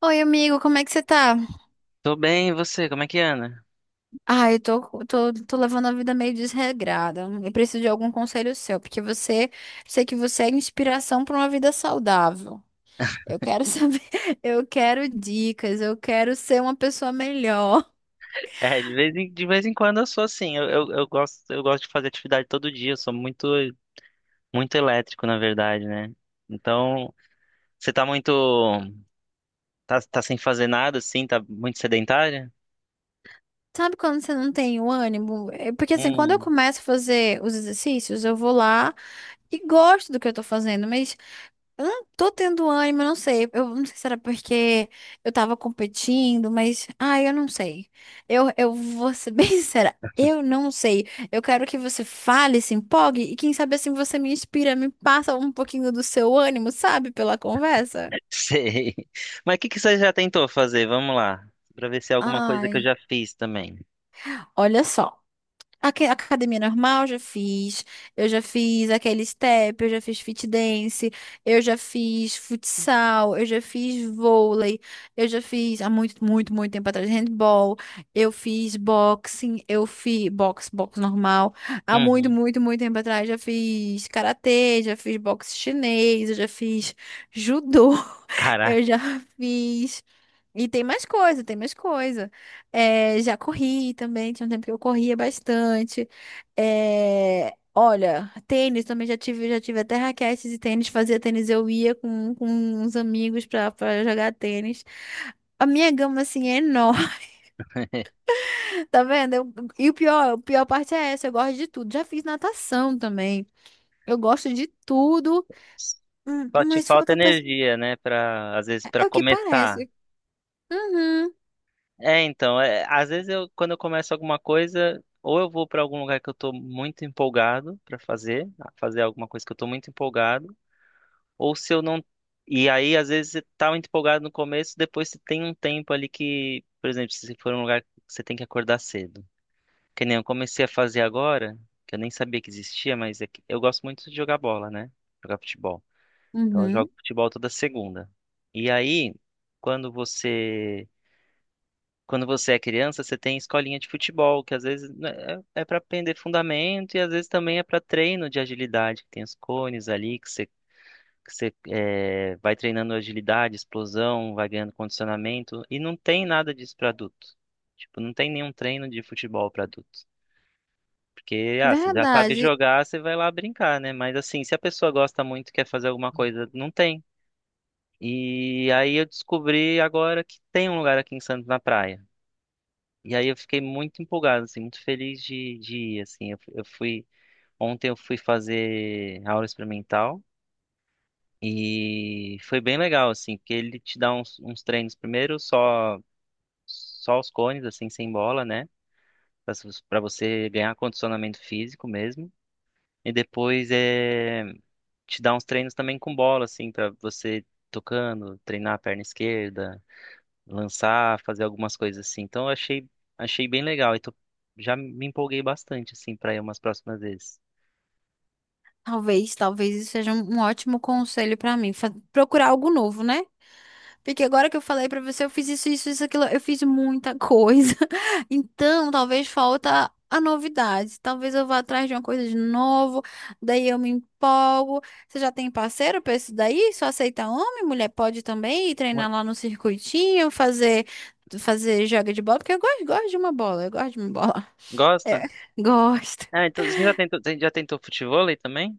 Oi, amigo, como é que você tá? Tô bem, e você? Como é que anda? Ah, eu tô, tô levando a vida meio desregrada. Eu preciso de algum conselho seu, porque você, sei que você é inspiração para uma vida saudável. Eu quero saber, eu quero dicas, eu quero ser uma pessoa melhor. É, de vez em quando eu sou assim. Eu gosto, eu gosto de fazer atividade todo dia. Eu sou muito elétrico, na verdade, né? Então, você tá muito, tá sem fazer nada, assim, tá muito sedentária? Sabe quando você não tem o ânimo? É porque assim, quando eu Hum, começo a fazer os exercícios, eu vou lá e gosto do que eu tô fazendo, mas eu não tô tendo ânimo, eu não sei. Eu não sei se era porque eu tava competindo, mas. Ah, eu não sei. Eu vou ser bem sincera. Eu não sei. Eu quero que você fale, se empolgue e quem sabe assim você me inspira, me passa um pouquinho do seu ânimo, sabe, pela conversa. sei. Mas o que que você já tentou fazer? Vamos lá, pra ver se é alguma coisa que eu Ai, já fiz também. olha só. Academia normal, já fiz. Eu já fiz aquele step, eu já fiz fit dance, eu já fiz futsal, eu já fiz vôlei, eu já fiz há muito, muito, muito tempo atrás handball, eu fiz boxing, eu fiz boxe, boxe normal. Há muito, Uhum. muito, muito tempo atrás já fiz karatê, já fiz boxe chinês, eu já fiz judô, Caraca, eu já fiz e tem mais coisa, tem mais coisa. É, já corri também, tinha um tempo que eu corria bastante. É, olha, tênis também já tive até raquetes e tênis, fazia tênis, eu ia com uns amigos pra, pra jogar tênis. A minha gama, assim, é enorme, tá vendo? E o pior, a pior parte é essa, eu gosto de tudo. Já fiz natação também, eu gosto de tudo, só te mas falta falta. energia, né? Pra, às vezes, pra É o que começar. parece. Uhum, É, então, é, às vezes eu, quando eu começo alguma coisa, ou eu vou para algum lugar que eu tô muito empolgado para fazer, fazer alguma coisa que eu tô muito empolgado, ou se eu não. E aí, às vezes, você tá muito empolgado no começo, depois você tem um tempo ali que, por exemplo, se for um lugar que você tem que acordar cedo. Que nem eu comecei a fazer agora, que eu nem sabia que existia, mas é que eu gosto muito de jogar bola, né? Jogar futebol. Então eu uhum. jogo futebol toda segunda. E aí, quando você quando você é criança, você tem escolinha de futebol, que às vezes né, é para aprender fundamento e às vezes também é para treino de agilidade, que tem os cones ali, que você é, vai treinando agilidade, explosão, vai ganhando condicionamento, e não tem nada disso para adulto. Tipo, não tem nenhum treino de futebol para adulto. Porque, ah, você já sabe Verdade. jogar, você vai lá brincar, né? Mas assim, se a pessoa gosta muito e quer fazer alguma coisa, não tem. E aí eu descobri agora que tem um lugar aqui em Santos na praia. E aí eu fiquei muito empolgado, assim, muito feliz de ir, assim. Eu, eu fui, ontem eu fui fazer aula experimental e foi bem legal, assim, porque ele te dá uns, uns treinos primeiro só os cones, assim, sem bola, né? Para você ganhar condicionamento físico mesmo. E depois é, te dá uns treinos também com bola, assim, para você tocando, treinar a perna esquerda, lançar, fazer algumas coisas assim. Então eu achei, achei bem legal. E tô, já me empolguei bastante assim para ir umas próximas vezes. Talvez, talvez isso seja um ótimo conselho pra mim, procurar algo novo, né? Porque agora que eu falei pra você, eu fiz isso, isso, isso, aquilo, eu fiz muita coisa. Então, talvez falta a novidade. Talvez eu vá atrás de uma coisa de novo, daí eu me empolgo. Você já tem parceiro pra isso daí? Só aceita homem? Mulher pode também ir Uma- treinar lá no circuitinho, fazer joga de bola, porque eu gosto, gosto de uma bola, eu gosto de uma bola. Gosta? É. Gosto. Ah, então você já tentou futevôlei também?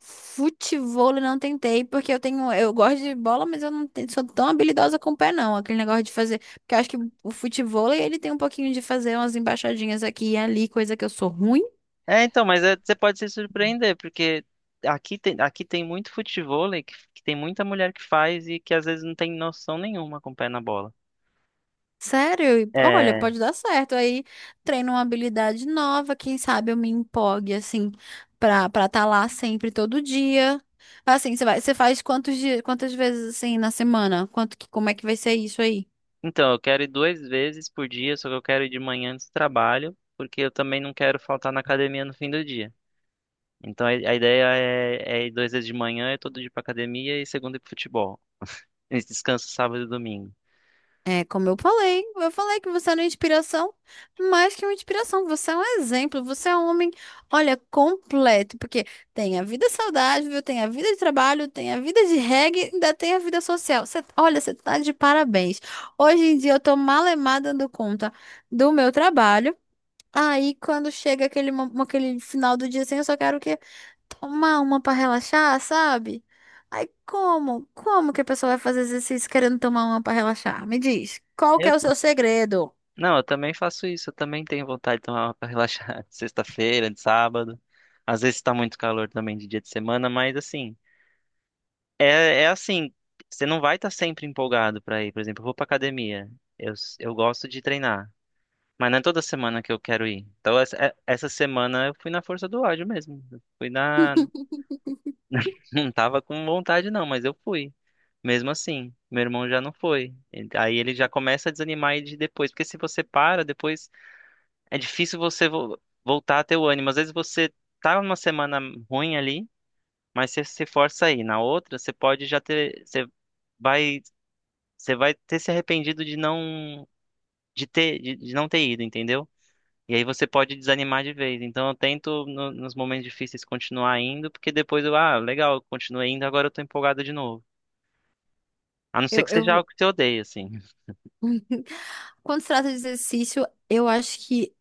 Futevôlei não tentei, porque eu tenho, eu gosto de bola, mas eu não te- sou tão habilidosa com o pé, não. Aquele negócio de fazer, porque eu acho que o futevôlei, ele tem um pouquinho de fazer umas embaixadinhas aqui e ali, coisa que eu sou ruim. É, então, você pode se surpreender, porque aqui tem muito futevôlei que tem muita mulher que faz e que às vezes não tem noção nenhuma com o pé na bola. Sério, e olha, É, pode dar certo. Aí treino uma habilidade nova, quem sabe eu me empolgue, assim, para estar lá sempre, todo dia. Assim, você vai, você faz quantos dias, quantas vezes, assim, na semana? Quanto que, como é que vai ser isso aí? então, eu quero ir 2 vezes por dia, só que eu quero ir de manhã antes do trabalho, porque eu também não quero faltar na academia no fim do dia. Então a ideia é, é ir 2 dias de manhã, é todo dia pra academia e segunda ir pro futebol. E descanso sábado e domingo. É, como eu falei que você era uma inspiração, mais que uma inspiração, você é um exemplo, você é um homem, olha, completo, porque tem a vida saudável, tem a vida de trabalho, tem a vida de reggae, ainda tem a vida social. Você, olha, você tá de parabéns. Hoje em dia eu tô malemada dando conta do meu trabalho, aí quando chega aquele final do dia assim, eu só quero o quê? Tomar uma pra relaxar, sabe? Aí como? Como que a pessoa vai fazer exercício querendo tomar uma pra relaxar? Me diz, qual que Eu, é o seu segredo? não, eu também faço isso. Eu também tenho vontade de tomar uma pra relaxar de sexta-feira, de sábado. Às vezes tá muito calor também de dia de semana, mas assim, é, é assim, você não vai estar sempre empolgado pra ir. Por exemplo, eu vou pra academia. Eu, eu gosto de treinar. Mas não é toda semana que eu quero ir. Então, essa semana eu fui na força do ódio mesmo. Eu fui na. Não tava com vontade, não, mas eu fui. Mesmo assim, meu irmão já não foi. Aí ele já começa a desanimar aí de depois, porque se você para, depois é difícil voltar a ter o ânimo. Às vezes você tá numa semana ruim ali, mas você se força aí. Na outra, você pode já ter, vai, você vai ter se arrependido de não de ter de não ter ido, entendeu? E aí você pode desanimar de vez. Então eu tento nos momentos difíceis continuar indo, porque depois eu, ah, legal, eu continuei indo, agora eu tô empolgado de novo. A não ser que seja Eu... algo que você odeia, assim. Quando se trata de exercício, eu acho que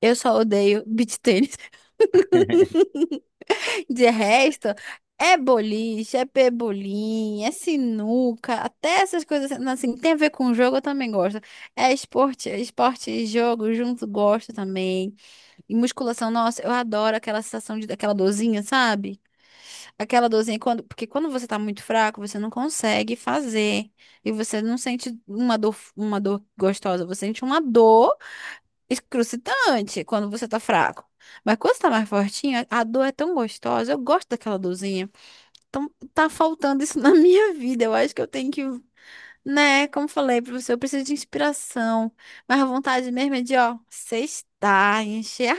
eu só odeio beach tênis. De resto, é boliche, é pebolim, é sinuca, até essas coisas assim, tem a ver com jogo, eu também gosto. É esporte e jogo junto, gosto também. E musculação, nossa, eu adoro aquela sensação de aquela dorzinha, sabe? Aquela dorzinha quando, porque quando você tá muito fraco, você não consegue fazer. E você não sente uma dor gostosa, você sente uma dor excrucitante quando você tá fraco. Mas quando você tá mais fortinho, a dor é tão gostosa. Eu gosto daquela dorzinha. Então tá faltando isso na minha vida. Eu acho que eu tenho que, né, como falei pra você, eu preciso de inspiração. Mas a vontade mesmo é de, ó, sextar, encher a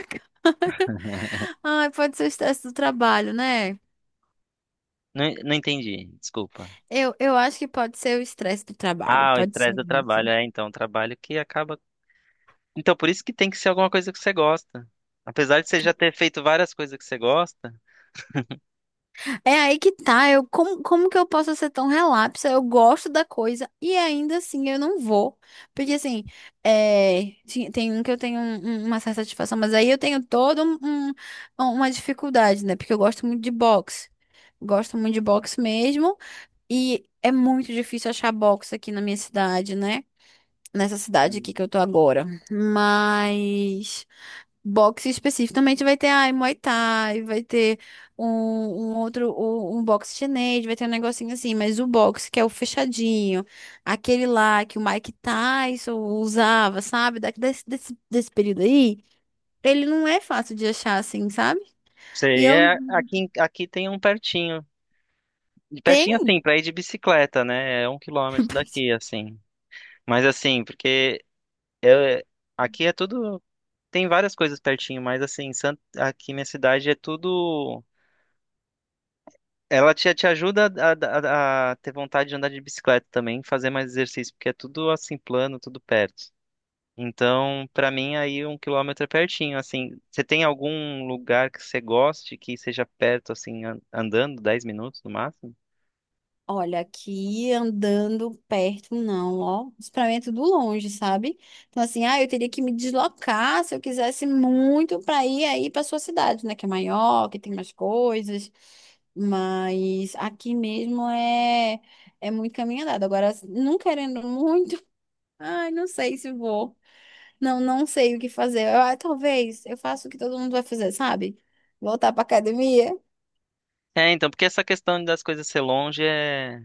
ai, pode ser o estresse do trabalho, né? Não, não entendi, desculpa. Eu acho que pode ser o estresse do trabalho, Ah, o pode estresse ser do trabalho, isso. é, então, um trabalho que acaba. Então, por isso que tem que ser alguma coisa que você gosta. Apesar de você já ter feito várias coisas que você gosta, É aí que tá, eu, como, como que eu posso ser tão relapsa? Eu gosto da coisa e ainda assim eu não vou. Porque assim, tem um que eu tenho uma certa satisfação, mas aí eu tenho toda uma dificuldade, né? Porque eu gosto muito de boxe. Gosto muito de boxe mesmo e é muito difícil achar boxe aqui na minha cidade, né? Nessa cidade aqui hum, que eu tô agora. Mas boxe especificamente vai ter, ai, Muay Thai, vai ter um outro, um boxe chinês, vai ter um negocinho assim, mas o boxe que é o fechadinho, aquele lá que o Mike Tyson usava, sabe? Daqui desse período aí, ele não é fácil de achar assim, sabe? E você eu é aqui, aqui tem um pertinho. E pertinho tenho assim, pra ir de bicicleta, né? É 1 quilômetro daqui, assim. Mas assim, porque eu, aqui é tudo. Tem várias coisas pertinho, mas assim, aqui minha cidade é tudo. Ela te, te ajuda a ter vontade de andar de bicicleta também, fazer mais exercício, porque é tudo assim plano, tudo perto. Então, pra mim, aí 1 quilômetro é pertinho, assim. Você tem algum lugar que você goste que seja perto, assim, andando, 10 minutos no máximo? olha, aqui andando perto, não, ó. Experimento do longe, sabe? Então, assim, ah, eu teria que me deslocar se eu quisesse muito para ir aí para sua cidade, né? Que é maior, que tem mais coisas. Mas aqui mesmo é, é muito caminho andado. Agora, assim, não querendo muito, ai, não sei se vou. Não, não sei o que fazer. Eu, ah, talvez eu faça o que todo mundo vai fazer, sabe? Voltar para academia. É, então, porque essa questão das coisas ser longe é...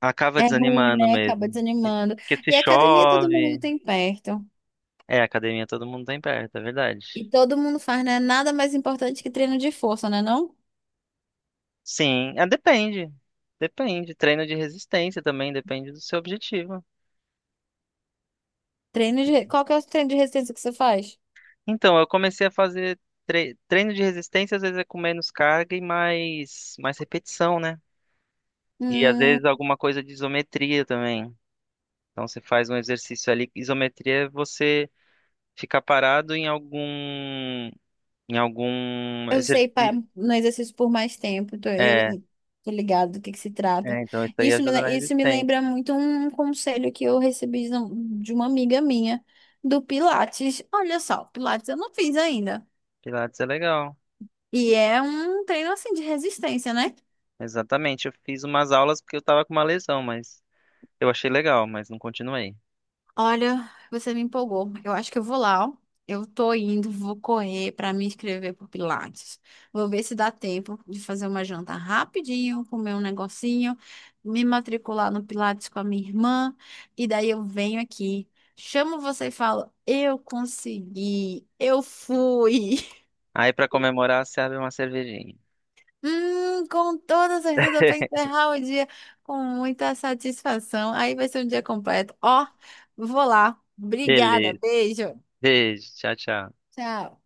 acaba É ruim, desanimando né? Acaba mesmo. E- desanimando. Porque se E academia todo mundo chove. tem perto. É, academia todo mundo tem perto, é verdade. E todo mundo faz, né? Nada mais importante que treino de força, né? Não? Sim, é, depende. Depende. Treino de resistência também, depende do seu objetivo. Treino de... Qual que é o treino de resistência que você faz? Então, eu comecei a fazer treino de resistência, às vezes é com menos carga e mais, mais repetição, né? E às vezes Hum, alguma coisa de isometria também. Então você faz um exercício ali. Isometria é você ficar parado em algum eu sei para exercício. no exercício por mais tempo. Tô, eu É, tô ligado do que se trata. Então isso aí ajuda na Isso me resistência. lembra muito um conselho que eu recebi de de uma amiga minha do Pilates. Olha só, Pilates eu não fiz ainda. Pilates é legal. E é um treino assim de resistência, né? Exatamente. Eu fiz umas aulas porque eu tava com uma lesão, mas eu achei legal, mas não continuei. Olha, você me empolgou. Eu acho que eu vou lá, ó. Eu tô indo, vou correr para me inscrever pro Pilates. Vou ver se dá tempo de fazer uma janta rapidinho, comer um negocinho, me matricular no Pilates com a minha irmã, e daí eu venho aqui, chamo você e falo: "Eu consegui, eu fui". Aí pra comemorar, você abre uma cervejinha. Com toda certeza para encerrar o dia com muita satisfação. Aí vai ser um dia completo. Ó, vou lá. Obrigada, Beleza. beijo. Beijo. Tchau, tchau. Tchau.